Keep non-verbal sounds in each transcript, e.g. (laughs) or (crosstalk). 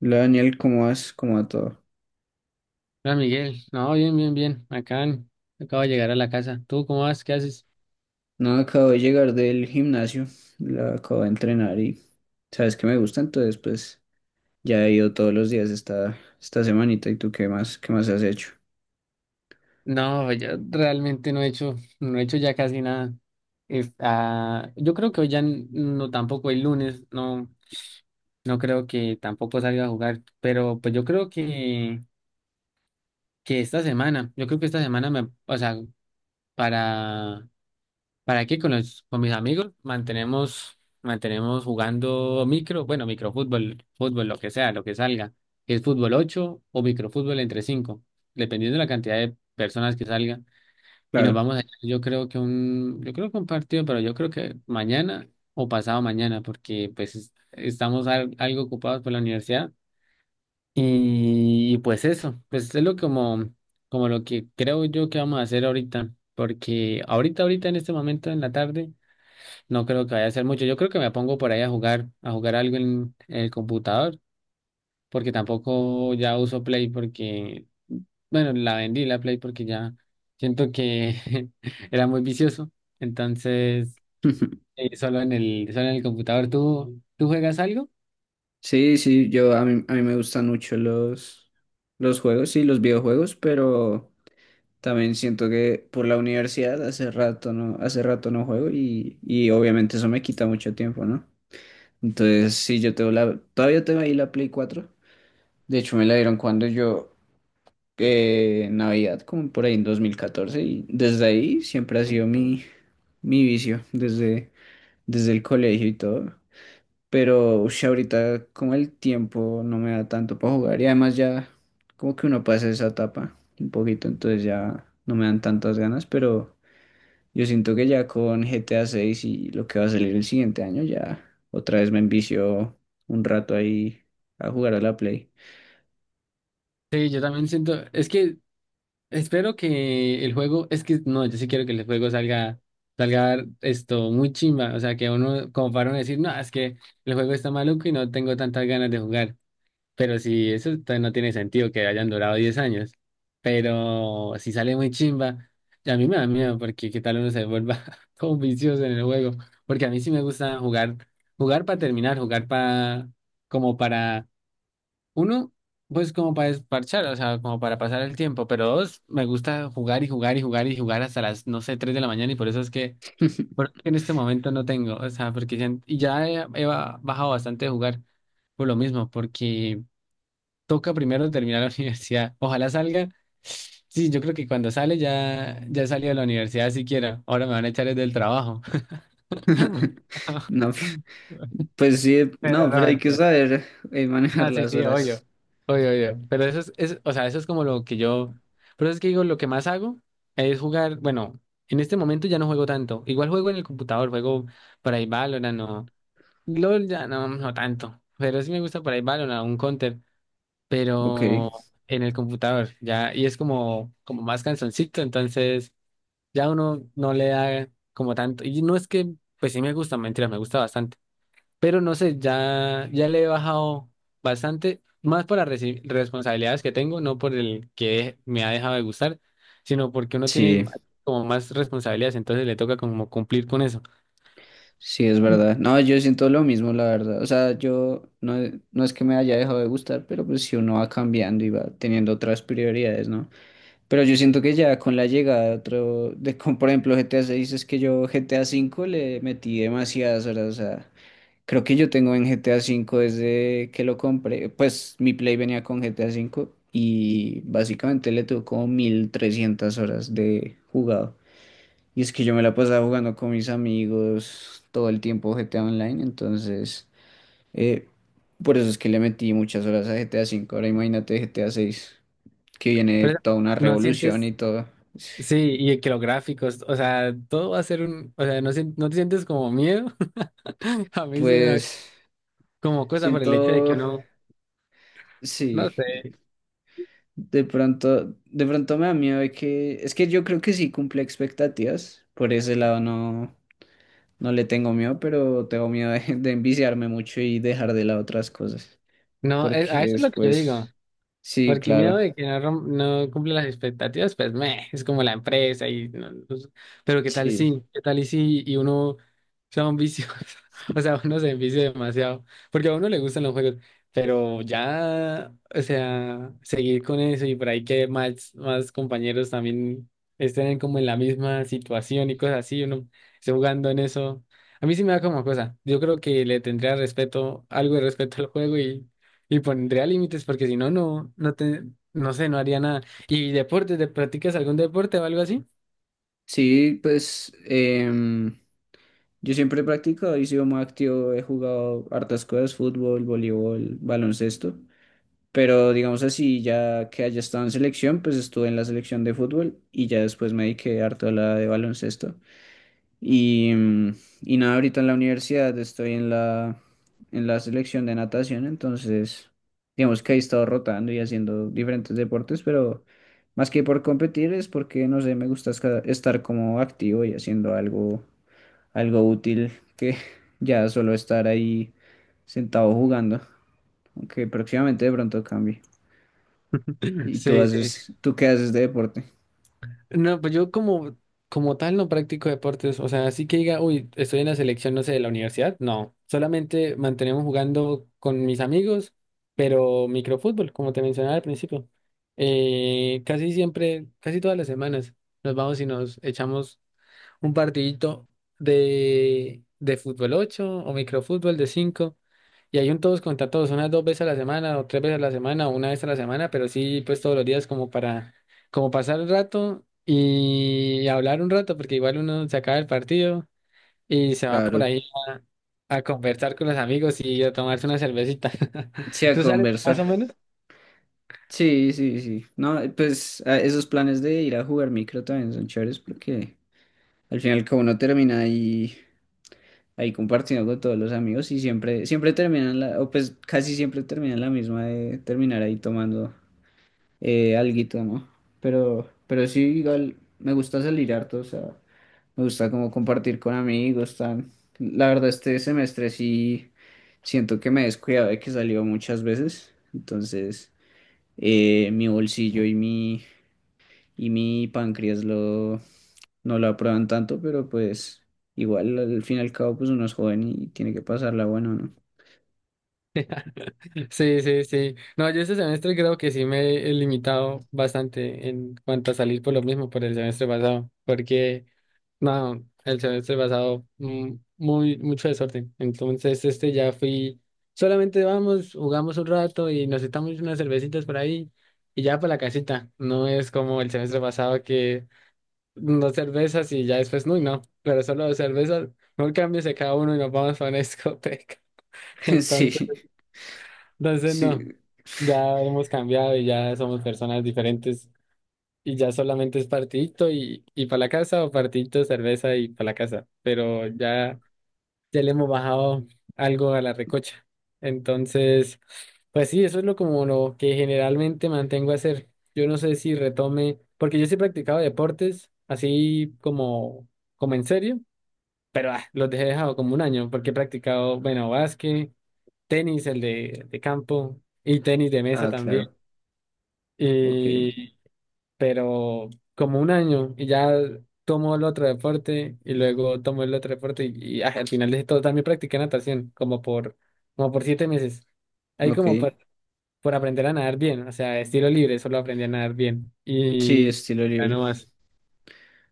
Hola Daniel, ¿cómo vas? ¿Cómo va todo? Hola Miguel, no, bien, bien, bien, acabo de llegar a la casa. ¿Tú cómo vas? ¿Qué haces? No, acabo de llegar del gimnasio, la acabo de entrenar y sabes que me gusta, entonces pues ya he ido todos los días esta semanita y tú qué más has hecho. No, yo realmente no he hecho ya casi nada. Yo creo que hoy ya no tampoco el lunes, no, no creo que tampoco salga a jugar, pero pues yo creo que esta semana, yo creo que esta semana me, o sea, para ¿Para qué? Con mis amigos mantenemos jugando bueno, microfútbol, fútbol, lo que sea, lo que salga. Es fútbol 8 o microfútbol entre 5 dependiendo de la cantidad de personas que salga. Y nos Claro. vamos a, yo creo que un partido, pero yo creo que mañana o pasado mañana, porque pues estamos algo ocupados por la universidad. Y, pues eso, pues es lo como lo que creo yo que vamos a hacer ahorita, porque ahorita en este momento en la tarde. No creo que vaya a ser mucho. Yo creo que me pongo por ahí a jugar algo en el computador, porque tampoco ya uso Play porque, bueno, la vendí la Play porque ya siento que (laughs) era muy vicioso. Entonces, (laughs) solo en el computador. ¿Tú juegas algo? Sí, sí, yo a mí me gustan mucho los juegos y los videojuegos, pero también siento que por la universidad hace rato no juego y obviamente eso me quita mucho tiempo, ¿no? Entonces, sí, yo tengo todavía tengo ahí la Play 4. De hecho, me la dieron cuando Navidad, como por ahí en 2014 y desde ahí siempre ha sido mi vicio, desde el colegio y todo. Pero ush, ahorita como el tiempo no me da tanto para jugar y además ya como que uno pasa esa etapa un poquito, entonces ya no me dan tantas ganas, pero yo siento que ya con GTA 6 y lo que va a salir el siguiente año, ya otra vez me envicio un rato ahí a jugar a la Play. Sí, yo también siento, es que espero que el juego, es que no, yo sí quiero que el juego salga, salga esto muy chimba. O sea, que uno, como para uno decir, no, es que el juego está maluco y no tengo tantas ganas de jugar. Pero si eso no tiene sentido que hayan durado 10 años. Pero si sale muy chimba, y a mí me da miedo porque qué tal uno se vuelva (laughs) todo vicioso en el juego. Porque a mí sí me gusta jugar, jugar para terminar, jugar para, como para, uno, pues como para desparchar, o sea, como para pasar el tiempo. Pero dos, me gusta jugar y jugar y jugar y jugar hasta las, no sé, 3 de la mañana y por eso es que en este momento no tengo, o sea, porque ya, y ya he bajado bastante de jugar por lo mismo, porque toca primero terminar la (laughs) universidad. Ojalá salga. Sí, yo creo que cuando sale ya he salido de la universidad siquiera. Ahora me van a echar desde el trabajo. (laughs) (laughs) No. (laughs) Pues sí, Pero no, no, pero hay que mentira. saber manejar (laughs) No, sí, las sí, horas. obvio. Obvio, obvio. Pero eso es, o sea, eso es como lo que yo. Pero es que digo, lo que más hago es jugar. Bueno, en este momento ya no juego tanto. Igual juego en el computador, juego por ahí Valorant o. LOL ya no, no tanto. Pero sí me gusta por ahí Valorant, un Counter. Ok, Pero en el computador, ya, y es como más cansoncito, entonces ya uno no le da como tanto, y no es que, pues sí me gusta, mentira, me gusta bastante, pero no sé, ya le he bajado bastante, más por las responsabilidades que tengo, no por el que me ha dejado de gustar, sino porque uno tiene sí, como más responsabilidades, entonces le toca como cumplir con eso. sí, es Mm. verdad. No, yo siento lo mismo, la verdad. O sea, yo no, no es que me haya dejado de gustar, pero pues si uno va cambiando y va teniendo otras prioridades, ¿no? Pero yo siento que ya con la llegada de otro, como por ejemplo GTA 6, es que yo GTA 5 le metí demasiadas horas, o sea. Creo que yo tengo en GTA 5 desde que lo compré. Pues mi Play venía con GTA 5 y básicamente le tuvo como 1.300 horas de jugado. Y es que yo me la pasaba jugando con mis amigos todo el tiempo GTA Online, entonces eh, por eso es que le metí muchas horas a GTA 5. Ahora imagínate GTA VI, que viene Pero toda una no revolución y sientes, todo. sí, y que los gráficos, o sea, todo va a ser un, o sea, no, no te sientes como miedo. (laughs) A mí sí me da Pues como cosa por el hecho de que siento, uno, no sí. sé, De pronto me da miedo de que, es que yo creo que sí cumple expectativas, por ese lado no, no le tengo miedo, pero tengo miedo de enviciarme mucho y dejar de lado otras cosas, no, porque a eso es lo que yo digo. después, sí, Porque miedo claro, de que no, no cumpla las expectativas, pues meh, es como la empresa y no sé. Pero qué tal sí, si, qué tal y si y uno (laughs) sea un vicioso, (laughs) o sea, uno se envicia demasiado, porque a uno le gustan los juegos, pero ya, o sea, seguir con eso y por ahí que más compañeros también estén como en la misma situación y cosas así, uno esté jugando en eso. A mí sí me da como cosa. Yo creo que le tendría respeto, algo de respeto al juego y pondría límites porque si no, no te, no sé, no haría nada. ¿Y deportes? ¿Te practicas algún deporte o algo así? sí, pues yo siempre he practicado y sido muy activo, he jugado hartas cosas, fútbol, voleibol, baloncesto. Pero digamos así, ya que haya estado en selección, pues estuve en la selección de fútbol y ya después me dediqué harto a la de baloncesto. Y, y nada, ahorita en la universidad estoy en la selección de natación, entonces digamos que he estado rotando y haciendo diferentes deportes, pero más que por competir es porque, no sé, me gusta estar como activo y haciendo algo, algo útil que (laughs) ya solo estar ahí sentado jugando, aunque próximamente de pronto cambie. (clears throat) ¿Y Sí, sí. Sí. Tú qué haces de deporte? No, pues yo como tal no practico deportes. O sea, así que diga, uy, estoy en la selección, no sé, de la universidad. No, solamente mantenemos jugando con mis amigos, pero microfútbol, como te mencionaba al principio. Casi siempre, casi todas las semanas nos vamos y nos echamos un partidito de fútbol 8 o microfútbol de cinco. Y hay un todos contra todos, unas dos veces a la semana, o tres veces a la semana, o una vez a la semana, pero sí, pues todos los días como para, como pasar el rato y hablar un rato, porque igual uno se acaba el partido y se va por Claro, ahí a conversar con los amigos y a tomarse una cervecita. sí, (laughs) a ¿Tú sabes más conversar. o menos? Sí, sí, sí. No, pues esos planes de ir a jugar micro también son chéveres porque al final como uno termina ahí compartiendo con todos los amigos y siempre, siempre terminan la, o pues casi siempre terminan la misma de terminar ahí tomando alguito, ¿no? Pero sí, igual me gusta salir harto, o sea, me gusta como compartir con amigos, tan. La verdad este semestre sí siento que me he descuidado de que salió muchas veces, entonces mi bolsillo y mi páncreas no lo aprueban tanto, pero pues igual al fin y al cabo pues uno es joven y tiene que pasarla bueno, ¿no? Sí, sí, sí. No, yo este semestre creo que sí me he limitado bastante en cuanto a salir por lo mismo por el semestre pasado, porque no, el semestre pasado muy mucho desorden. Entonces este ya fui, solamente vamos, jugamos un rato y nos estamos unas cervecitas por ahí y ya para la casita. No es como el semestre pasado que dos cervezas y ya después, no, no, pero solo dos cervezas, no cambies de cada uno y nos vamos a una discoteca. (laughs) entonces (laughs) entonces, Sí, no, sí. ya hemos cambiado y ya somos personas diferentes y ya solamente es partidito y para la casa o partidito, cerveza y para la casa, pero ya, le hemos bajado algo a la recocha. Entonces, pues sí, eso es lo como lo que generalmente mantengo a hacer. Yo no sé si retome, porque yo sí he practicado deportes así como en serio, pero los dejé dejado como un año porque he practicado, bueno, básquet tenis, el de campo y tenis de mesa Ah, también. claro. Ok, Y, pero como un año y ya tomo el otro deporte y luego tomo el otro deporte y, al final de todo también practiqué natación como por 7 meses. Ahí ok. como por aprender a nadar bien, o sea, estilo libre, solo aprendí a nadar bien Sí, y estilo ya libre, no más,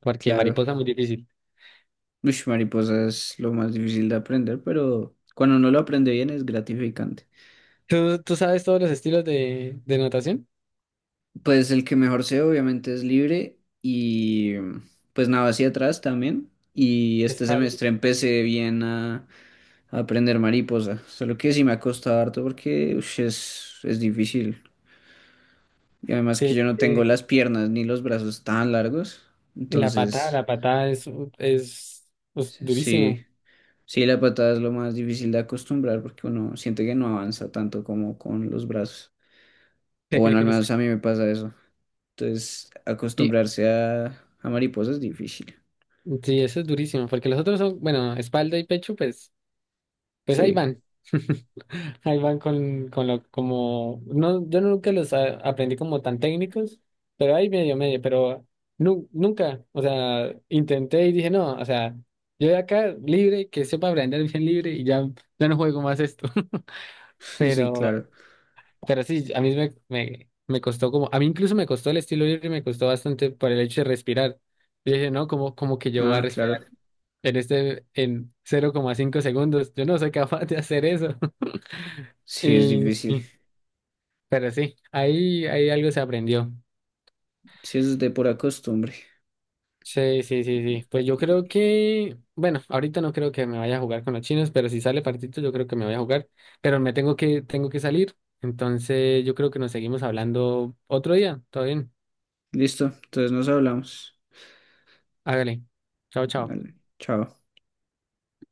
porque claro. mariposa muy difícil. Uy, mariposa es lo más difícil de aprender, pero cuando uno lo aprende bien es gratificante. ¿Tú sabes todos los estilos de natación? Pues el que mejor sé obviamente es libre y pues nada hacia atrás también. Y este Espalda. semestre empecé bien a aprender mariposa. Solo que sí me ha costado harto porque ush, es difícil. Y además que Sí, yo no tengo las piernas ni los brazos tan largos. y La patada, Entonces, la patada es pues, sí, durísimo. sí, la patada es lo más difícil de acostumbrar porque uno siente que no avanza tanto como con los brazos. (laughs) O bueno, al Es- menos a mí me pasa eso. Entonces, Y, acostumbrarse a mariposa es difícil. sí, eso es durísimo, porque los otros son, bueno, espalda y pecho, pues ahí Sí, van. (laughs) Ahí van con lo, como, no, yo nunca los aprendí como tan técnicos, pero ahí medio, medio, pero nunca, o sea, intenté y dije, no, o sea, yo de acá libre, que sepa aprender bien libre y ya no juego más esto, (laughs) (laughs) sí, pero claro. pero sí, a mí me costó como, a mí incluso me costó el estilo libre, me costó bastante por el hecho de respirar. Yo dije, no, como que yo voy a Ah, respirar claro. en este, en 0,5 segundos. Yo no soy capaz de hacer eso. (laughs) Sí, es Y, difícil. y- pero sí, ahí algo se aprendió. Sí, es de pura costumbre. Sí, sí, sí, Y- sí. Pues yo creo y- que, bueno, ahorita no creo que me vaya a jugar con los chinos, pero si sale partito, yo creo que me voy a jugar. Pero me tengo que salir. Entonces, yo creo que nos seguimos hablando otro día. ¿Todo bien? Listo, entonces nos hablamos. Hágale. Chao, chao. Vale, chao.